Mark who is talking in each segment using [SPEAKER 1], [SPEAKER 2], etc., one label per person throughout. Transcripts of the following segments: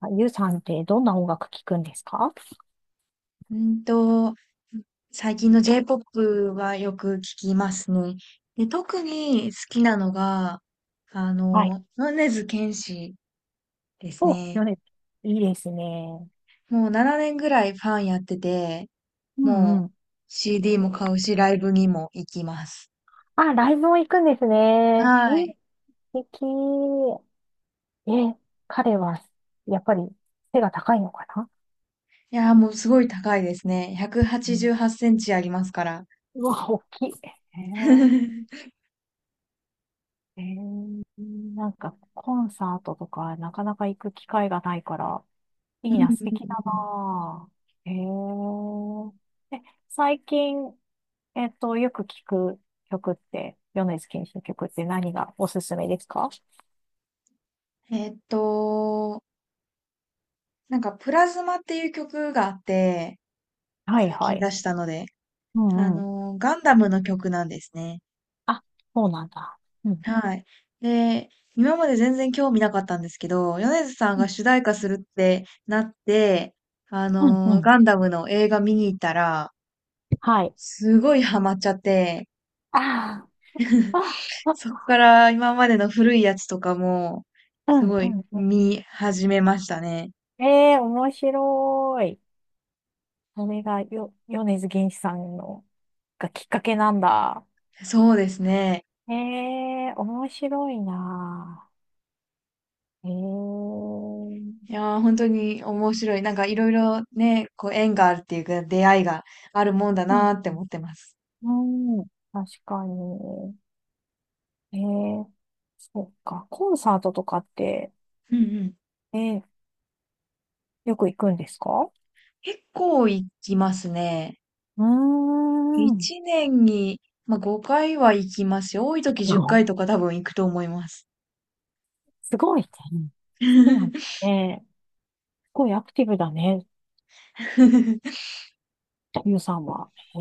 [SPEAKER 1] あゆうさんってどんな音楽聴くんですか？
[SPEAKER 2] うんと、最近の J-POP はよく聞きますね。で、特に好きなのが、
[SPEAKER 1] はい。
[SPEAKER 2] 米津玄師です
[SPEAKER 1] お、
[SPEAKER 2] ね。
[SPEAKER 1] よね。いいですね。
[SPEAKER 2] もう7年ぐらいファンやってて、
[SPEAKER 1] うんう
[SPEAKER 2] もう
[SPEAKER 1] ん。
[SPEAKER 2] CD も買うし、ライブにも行きます。
[SPEAKER 1] あ、ライブも行くんですね。
[SPEAKER 2] は
[SPEAKER 1] いい、
[SPEAKER 2] い。
[SPEAKER 1] 素敵。え、彼は、やっぱり背が高いのかな？
[SPEAKER 2] いやー、もうすごい高いですね。188
[SPEAKER 1] うん。
[SPEAKER 2] センチありますから。
[SPEAKER 1] うわ、大きい。
[SPEAKER 2] う
[SPEAKER 1] へ
[SPEAKER 2] ん
[SPEAKER 1] え、へえ、なんか、コンサートとか、なかなか行く機会がないから、
[SPEAKER 2] う
[SPEAKER 1] いいな、素敵だ
[SPEAKER 2] ん
[SPEAKER 1] なあ。へえ。え、最近、よく聞く曲って、米津玄師の曲って何がおすすめですか？
[SPEAKER 2] うんえーっと、なんか、プラズマっていう曲があって、
[SPEAKER 1] はい
[SPEAKER 2] 最
[SPEAKER 1] は
[SPEAKER 2] 近
[SPEAKER 1] い。
[SPEAKER 2] 出したので、
[SPEAKER 1] うんうん。
[SPEAKER 2] ガンダムの曲なんですね。
[SPEAKER 1] あ、そうなんだ。うん。
[SPEAKER 2] はい。で、今まで全然興味なかったんですけど、米津さん
[SPEAKER 1] う
[SPEAKER 2] が
[SPEAKER 1] ん。
[SPEAKER 2] 主題歌するってなって、
[SPEAKER 1] うんうん。
[SPEAKER 2] ガンダムの映画見に行ったら、
[SPEAKER 1] はい。
[SPEAKER 2] すごいハマっちゃって、
[SPEAKER 1] あー あ、
[SPEAKER 2] そっ
[SPEAKER 1] あ、
[SPEAKER 2] から今までの古いやつとかも、
[SPEAKER 1] うん
[SPEAKER 2] すご
[SPEAKER 1] う
[SPEAKER 2] い
[SPEAKER 1] んう
[SPEAKER 2] 見始めましたね。
[SPEAKER 1] ん。ええー、面白い。それがよ、米津玄師さんの、がきっかけなんだ。
[SPEAKER 2] そうですね。
[SPEAKER 1] ええー、面白いな。ええー、
[SPEAKER 2] いやー、本当に面白い。なんかいろいろね、こう縁があるっていうか、出会いがあるもんだ
[SPEAKER 1] うん、
[SPEAKER 2] なーって思ってます。
[SPEAKER 1] うん、確かに。ええ、そっか。コンサートとかって、
[SPEAKER 2] うんうん。
[SPEAKER 1] えーよく行くんですか？
[SPEAKER 2] 結構行きますね。
[SPEAKER 1] うーん。
[SPEAKER 2] 一年に、まあ、5回は行きますよ。多い時
[SPEAKER 1] す
[SPEAKER 2] 10
[SPEAKER 1] ごい。
[SPEAKER 2] 回とか多分行くと思います。
[SPEAKER 1] すごいね。好きなんだね。すごいアクティブだね。ゆうさんは。へ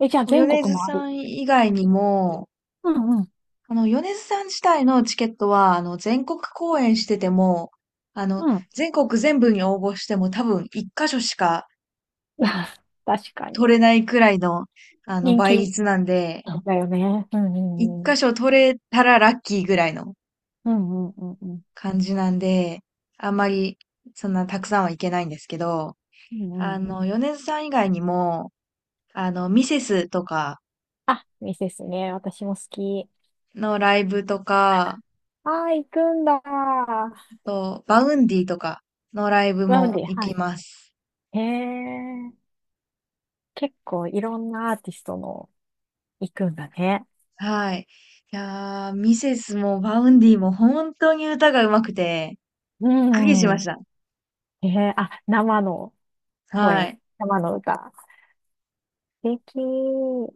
[SPEAKER 1] え。え、じゃあ
[SPEAKER 2] こう
[SPEAKER 1] 全
[SPEAKER 2] 米
[SPEAKER 1] 国
[SPEAKER 2] 津
[SPEAKER 1] もあ
[SPEAKER 2] さ
[SPEAKER 1] る。
[SPEAKER 2] ん以外にも、
[SPEAKER 1] うんうん。
[SPEAKER 2] 米津さん自体のチケットは、全国公演してても、あの、
[SPEAKER 1] うん。
[SPEAKER 2] 全国全部に応募しても多分一箇所しか
[SPEAKER 1] 確かに。
[SPEAKER 2] 取れないくらいの、
[SPEAKER 1] 人
[SPEAKER 2] 倍
[SPEAKER 1] 気
[SPEAKER 2] 率なんで、
[SPEAKER 1] だよね。うんう
[SPEAKER 2] 一
[SPEAKER 1] んう
[SPEAKER 2] 箇
[SPEAKER 1] ん。
[SPEAKER 2] 所取れたらラッキーぐらいの
[SPEAKER 1] うんうんうんうん。
[SPEAKER 2] 感じなんで、あんまりそんなたくさんはいけないんですけど、
[SPEAKER 1] うんうん。
[SPEAKER 2] 米津さん以外にも、ミセスとか
[SPEAKER 1] あ、いいですね。私も好き。
[SPEAKER 2] のライブとか、
[SPEAKER 1] ああ、行くんだ。
[SPEAKER 2] あと、バウンディとかのライブ
[SPEAKER 1] なん
[SPEAKER 2] も
[SPEAKER 1] で、
[SPEAKER 2] 行
[SPEAKER 1] は
[SPEAKER 2] き
[SPEAKER 1] い。
[SPEAKER 2] ます。
[SPEAKER 1] へえ。結構いろんなアーティストの行くんだね。
[SPEAKER 2] はい。いやー、ミセスもバウンディも本当に歌が上手くて、
[SPEAKER 1] う
[SPEAKER 2] びっくりしまし
[SPEAKER 1] ん。
[SPEAKER 2] た。
[SPEAKER 1] あ、生の
[SPEAKER 2] は
[SPEAKER 1] 声、
[SPEAKER 2] い。
[SPEAKER 1] 生の歌。素敵。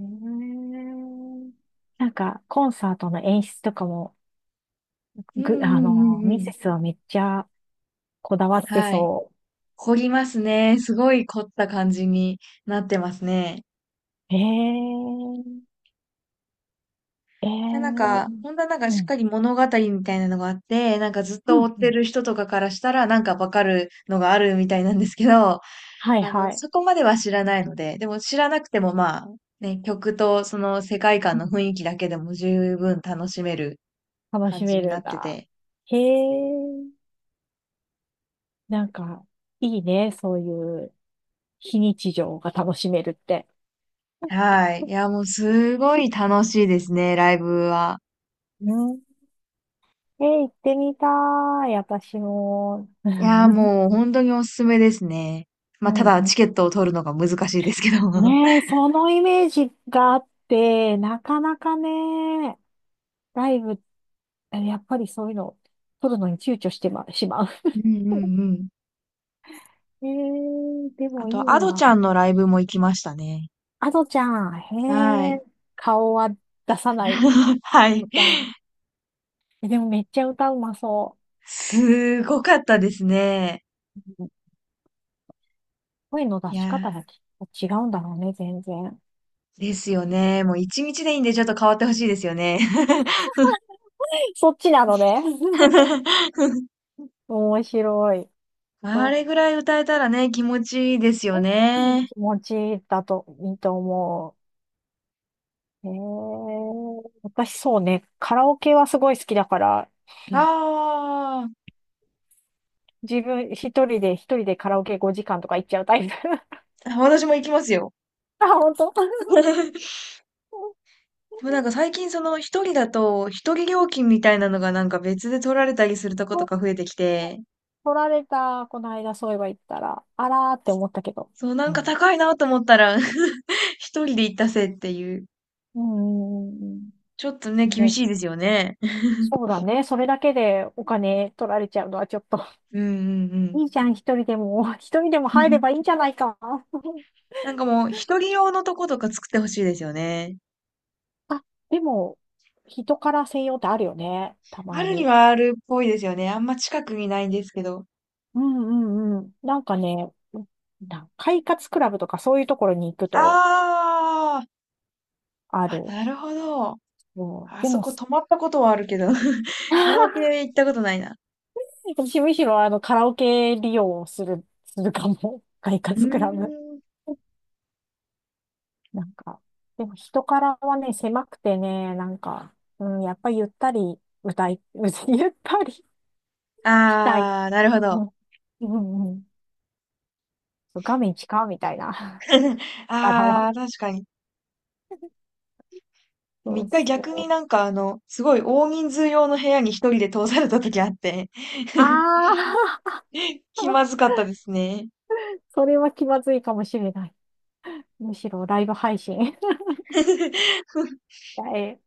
[SPEAKER 1] えー、なんか、コンサートの演出とかも、
[SPEAKER 2] うんうんうんう
[SPEAKER 1] ミ
[SPEAKER 2] ん。
[SPEAKER 1] セスはめっちゃこだわって
[SPEAKER 2] はい。
[SPEAKER 1] そ
[SPEAKER 2] 凝りますね。すごい凝った感じになってますね。
[SPEAKER 1] う。えー、え
[SPEAKER 2] でなん
[SPEAKER 1] ー、
[SPEAKER 2] か、本当はなんか
[SPEAKER 1] う
[SPEAKER 2] しっ
[SPEAKER 1] ん、
[SPEAKER 2] かり物語みたいなのがあって、なんかずっ
[SPEAKER 1] う
[SPEAKER 2] と追
[SPEAKER 1] ん。
[SPEAKER 2] っ
[SPEAKER 1] う
[SPEAKER 2] て
[SPEAKER 1] ん、
[SPEAKER 2] る人とかからしたらなんかわかるのがあるみたいなんですけど、
[SPEAKER 1] はいはい。
[SPEAKER 2] そこまでは知らないので、でも知らなくてもまあ、ね、曲とその世界観
[SPEAKER 1] うん、
[SPEAKER 2] の雰囲気だけでも十分楽しめる
[SPEAKER 1] 楽
[SPEAKER 2] 感
[SPEAKER 1] し
[SPEAKER 2] じ
[SPEAKER 1] め
[SPEAKER 2] にな
[SPEAKER 1] るん
[SPEAKER 2] って
[SPEAKER 1] だ。
[SPEAKER 2] て。
[SPEAKER 1] へえ、なんか、いいね、そういう非日常が楽しめるって。
[SPEAKER 2] はい。いや、もうすごい楽しいですね、ライブは。
[SPEAKER 1] うん。え、行ってみたい、私も。う
[SPEAKER 2] いや、もう本当におすすめですね。
[SPEAKER 1] ん
[SPEAKER 2] まあ、ただ
[SPEAKER 1] う
[SPEAKER 2] チ
[SPEAKER 1] ん、
[SPEAKER 2] ケットを取るのが難しいですけど。う
[SPEAKER 1] ねえ、そのイメージがあって、なかなかね、ライブ、やっぱりそういうの、撮るのに躊躇してしまう。
[SPEAKER 2] んうんうん。
[SPEAKER 1] えー、で
[SPEAKER 2] あ
[SPEAKER 1] もいい
[SPEAKER 2] と、アドち
[SPEAKER 1] な。
[SPEAKER 2] ゃんのライブも行きましたね。
[SPEAKER 1] アドちゃん、
[SPEAKER 2] は
[SPEAKER 1] へ
[SPEAKER 2] い。
[SPEAKER 1] え、顔は出さない、
[SPEAKER 2] は
[SPEAKER 1] アド
[SPEAKER 2] い。
[SPEAKER 1] ちゃん。でもめっちゃ歌うまそ
[SPEAKER 2] すごかったですね。
[SPEAKER 1] う。うん、声の
[SPEAKER 2] い
[SPEAKER 1] 出
[SPEAKER 2] や
[SPEAKER 1] し方が
[SPEAKER 2] ー、
[SPEAKER 1] 違うんだろうね、全然。
[SPEAKER 2] ですよね。もう一日でいいんでちょっと変わってほしいですよね。
[SPEAKER 1] そっちなのね。面白い。
[SPEAKER 2] あ
[SPEAKER 1] そ
[SPEAKER 2] れぐらい歌えたらね、気持ちいいですよ
[SPEAKER 1] う、うん。
[SPEAKER 2] ね。
[SPEAKER 1] 気持ちだといいと思う。私そうね、カラオケはすごい好きだから、う
[SPEAKER 2] あ
[SPEAKER 1] ん、自分一人で、一人でカラオケ5時間とか行っちゃうタイプ。
[SPEAKER 2] あ、私も行きますよ。
[SPEAKER 1] あ、本当。お、
[SPEAKER 2] でもなんか最近その一人だと一人料金みたいなのがなんか別で取られたりするとことか増えてきて、
[SPEAKER 1] 取られた、この間そういえば言ったら、あらーって思ったけど。
[SPEAKER 2] そうなん
[SPEAKER 1] う
[SPEAKER 2] か
[SPEAKER 1] ん。
[SPEAKER 2] 高いなと思ったら 一人で行ったせいっていう。
[SPEAKER 1] うんうん。
[SPEAKER 2] ちょっとね、厳
[SPEAKER 1] ね、
[SPEAKER 2] しいですよね。
[SPEAKER 1] そうだね。それだけでお金取られちゃうのはちょっと、
[SPEAKER 2] うんうんうん。
[SPEAKER 1] いいじゃん、一人でも。一人でも入ればいいん じゃないか。
[SPEAKER 2] なんかもう、一人用のとことか作ってほしいですよね。
[SPEAKER 1] あ、でも、人から専用ってあるよね。た
[SPEAKER 2] あ
[SPEAKER 1] ま
[SPEAKER 2] るに
[SPEAKER 1] に。
[SPEAKER 2] はあるっぽいですよね。あんま近くにないんですけど。
[SPEAKER 1] うんうんうん。なんかね、快活クラブとかそういうところに行くと
[SPEAKER 2] あー
[SPEAKER 1] あ
[SPEAKER 2] あ、
[SPEAKER 1] る。
[SPEAKER 2] なるほど。
[SPEAKER 1] うん、
[SPEAKER 2] あ
[SPEAKER 1] で
[SPEAKER 2] そ
[SPEAKER 1] も、
[SPEAKER 2] こ
[SPEAKER 1] す
[SPEAKER 2] 泊まったことはあるけど、カラオ ケ行ったことないな。
[SPEAKER 1] 私むしろあのカラオケ利用をする、するかも。快
[SPEAKER 2] うー
[SPEAKER 1] 活クラブ。
[SPEAKER 2] ん。
[SPEAKER 1] なんか、でも人からはね、狭くてね、なんか、うん、やっぱゆったり歌い、ゆったりしたい。
[SPEAKER 2] ああ、なるほ
[SPEAKER 1] う
[SPEAKER 2] ど。
[SPEAKER 1] ん、うんうん。そう、画面近かみたいな。柄
[SPEAKER 2] あ
[SPEAKER 1] は。
[SPEAKER 2] あ、確かに。でも
[SPEAKER 1] そう
[SPEAKER 2] 一回逆
[SPEAKER 1] そ
[SPEAKER 2] に
[SPEAKER 1] う。
[SPEAKER 2] なんかあの、すごい大人数用の部屋に一人で通された時あって、
[SPEAKER 1] ああ、
[SPEAKER 2] 気まずかったですね。
[SPEAKER 1] それは気まずいかもしれない。むしろライブ配信。え、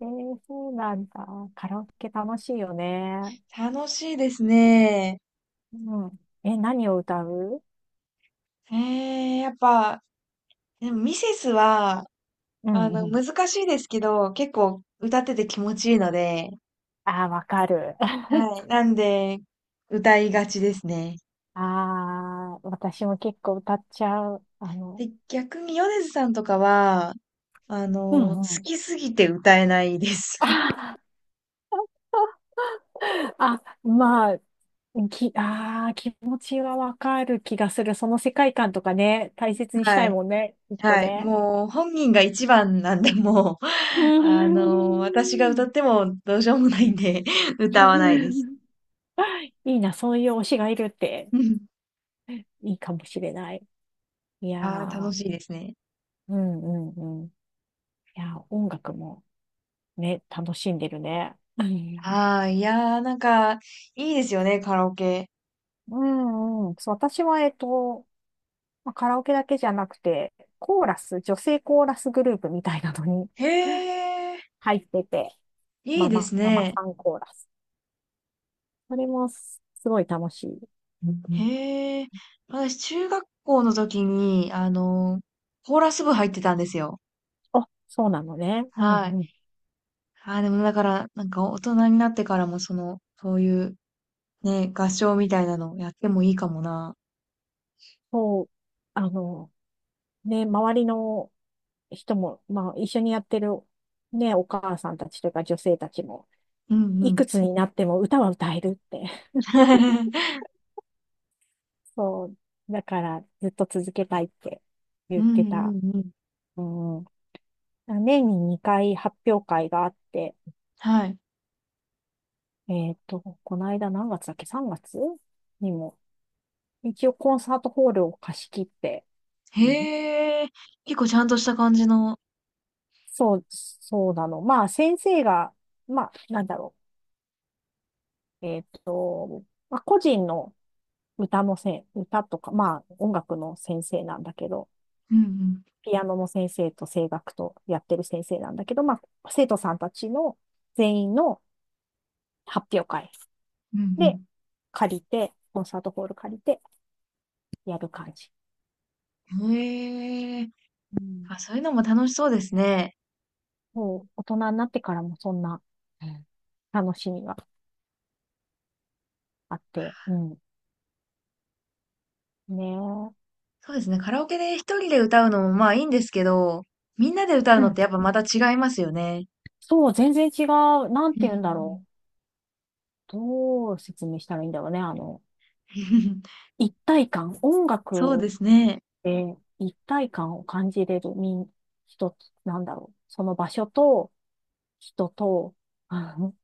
[SPEAKER 1] えー、そうなんだ。カラオケ楽しいよね。
[SPEAKER 2] 楽しいですね。
[SPEAKER 1] うん。え、何を歌う？
[SPEAKER 2] ええ、やっぱ、でもミセスは、
[SPEAKER 1] うんうん。
[SPEAKER 2] 難しいですけど、結構歌ってて気持ちいいので、
[SPEAKER 1] ああ、わかる。
[SPEAKER 2] はい。なんで、歌いがちですね。
[SPEAKER 1] ああ、私も結構歌っちゃう。あの、
[SPEAKER 2] で、逆に米津さんとかは、
[SPEAKER 1] う
[SPEAKER 2] 好
[SPEAKER 1] んうん。
[SPEAKER 2] きすぎて歌えないです。
[SPEAKER 1] あ、まあ、ああ、気持ちはわかる気がする。その世界観とかね、大切 にし
[SPEAKER 2] は
[SPEAKER 1] たい
[SPEAKER 2] い。
[SPEAKER 1] もんね、きっと
[SPEAKER 2] はい。
[SPEAKER 1] ね。
[SPEAKER 2] もう、本人が一番なんで、もう、
[SPEAKER 1] うー
[SPEAKER 2] 私が歌
[SPEAKER 1] ん。
[SPEAKER 2] ってもどうしようもないんで、歌わないです。
[SPEAKER 1] いいな、そういう推しがいるっ て
[SPEAKER 2] あ
[SPEAKER 1] いいかもしれない。いや
[SPEAKER 2] あ
[SPEAKER 1] ー、
[SPEAKER 2] 楽しいですね。
[SPEAKER 1] うんうんうん。いやー、音楽もね、楽しんでるね。うん
[SPEAKER 2] ああ、いやー、なんか、いいですよね、カラオケ。
[SPEAKER 1] うんうん。そう、私は、まあカラオケだけじゃなくて、コーラス、女性コーラスグループみたいなのに
[SPEAKER 2] へえ、
[SPEAKER 1] 入ってて、
[SPEAKER 2] いいです
[SPEAKER 1] ママ
[SPEAKER 2] ね。
[SPEAKER 1] さんコーラス。それもすごい楽しい。
[SPEAKER 2] へえ、私、中学校の時に、コーラス部入ってたんですよ。
[SPEAKER 1] あ、そうなのね。うん
[SPEAKER 2] はい。
[SPEAKER 1] うん。
[SPEAKER 2] ああ、でもだから、なんか大人になってからも、その、そういう、ね、合唱みたいなのやってもいいかもな。
[SPEAKER 1] そう、あの、ね、周りの人も、まあ、一緒にやってる、ね、お母さんたちとか女性たちも、
[SPEAKER 2] うんう
[SPEAKER 1] い
[SPEAKER 2] ん。
[SPEAKER 1] くつになっても歌は歌えるって。そう、だからずっと続けたいって
[SPEAKER 2] う
[SPEAKER 1] 言って
[SPEAKER 2] んう
[SPEAKER 1] た。
[SPEAKER 2] んうん。
[SPEAKER 1] うん。年に2回発表会があって、
[SPEAKER 2] はい。
[SPEAKER 1] この間何月だっけ？ 3 月にも、一応コンサートホールを貸し切って、うん、
[SPEAKER 2] へえ、結構ちゃんとした感じの。
[SPEAKER 1] そう、そうなの。まあ、先生が、まあ、なんだろう。まあ、個人の歌のせん、歌とか、まあ、音楽の先生なんだけど、
[SPEAKER 2] うんうん。
[SPEAKER 1] ピアノの先生と声楽とやってる先生なんだけど、まあ、生徒さんたちの全員の発表会
[SPEAKER 2] う
[SPEAKER 1] で
[SPEAKER 2] ん
[SPEAKER 1] 借りて、コンサートホール借りてやる感じ。
[SPEAKER 2] うん。へえ。
[SPEAKER 1] うん。
[SPEAKER 2] あ、そういうのも楽しそうですね。
[SPEAKER 1] もう、大人になってからもそんなうん楽しみがあって、うん。ねえ。
[SPEAKER 2] そうですね。カラオケで一人で歌うのもまあいいんですけど、みんなで歌う
[SPEAKER 1] う
[SPEAKER 2] のっ
[SPEAKER 1] ん、
[SPEAKER 2] てやっぱまた違いますよね。
[SPEAKER 1] そう、全然違う。なん
[SPEAKER 2] うんう
[SPEAKER 1] て言うんだろ
[SPEAKER 2] ん。
[SPEAKER 1] う。どう説明したらいいんだろうね。あの、一体感。音
[SPEAKER 2] そうで
[SPEAKER 1] 楽
[SPEAKER 2] すね。
[SPEAKER 1] で一体感を感じれる人なんだろう。その場所と人と、あの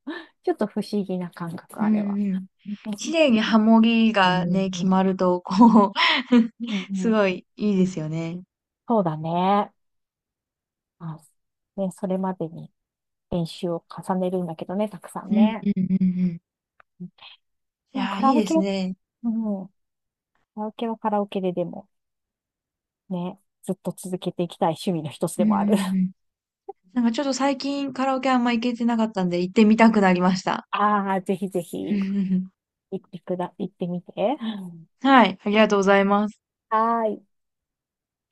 [SPEAKER 1] ちょっと不思議な感覚、
[SPEAKER 2] う
[SPEAKER 1] あ
[SPEAKER 2] ん
[SPEAKER 1] れは。
[SPEAKER 2] うん。
[SPEAKER 1] うん
[SPEAKER 2] 綺麗にハモリがね、決まると、こう
[SPEAKER 1] う
[SPEAKER 2] す
[SPEAKER 1] ん、
[SPEAKER 2] ごいいいですよね。
[SPEAKER 1] そうだね。あ、ね、それまでに練習を重ねるんだけどね、たくさ
[SPEAKER 2] う
[SPEAKER 1] ん
[SPEAKER 2] んう
[SPEAKER 1] ね。
[SPEAKER 2] んうんうん。い
[SPEAKER 1] でも
[SPEAKER 2] やー、
[SPEAKER 1] カ
[SPEAKER 2] い
[SPEAKER 1] ラ
[SPEAKER 2] い
[SPEAKER 1] オ
[SPEAKER 2] で
[SPEAKER 1] ケ、
[SPEAKER 2] す
[SPEAKER 1] うん、カ
[SPEAKER 2] ね。
[SPEAKER 1] ラオケはカラオケででも。ね、ずっと続けていきたい趣味の一つ
[SPEAKER 2] うん
[SPEAKER 1] で
[SPEAKER 2] う
[SPEAKER 1] もある。
[SPEAKER 2] んうん。なんかちょっと最近カラオケあんま行けてなかったんで行ってみたくなりました。
[SPEAKER 1] ああ、ぜひぜひ、行ってみて。
[SPEAKER 2] はい、ありがとうございます。
[SPEAKER 1] はーい。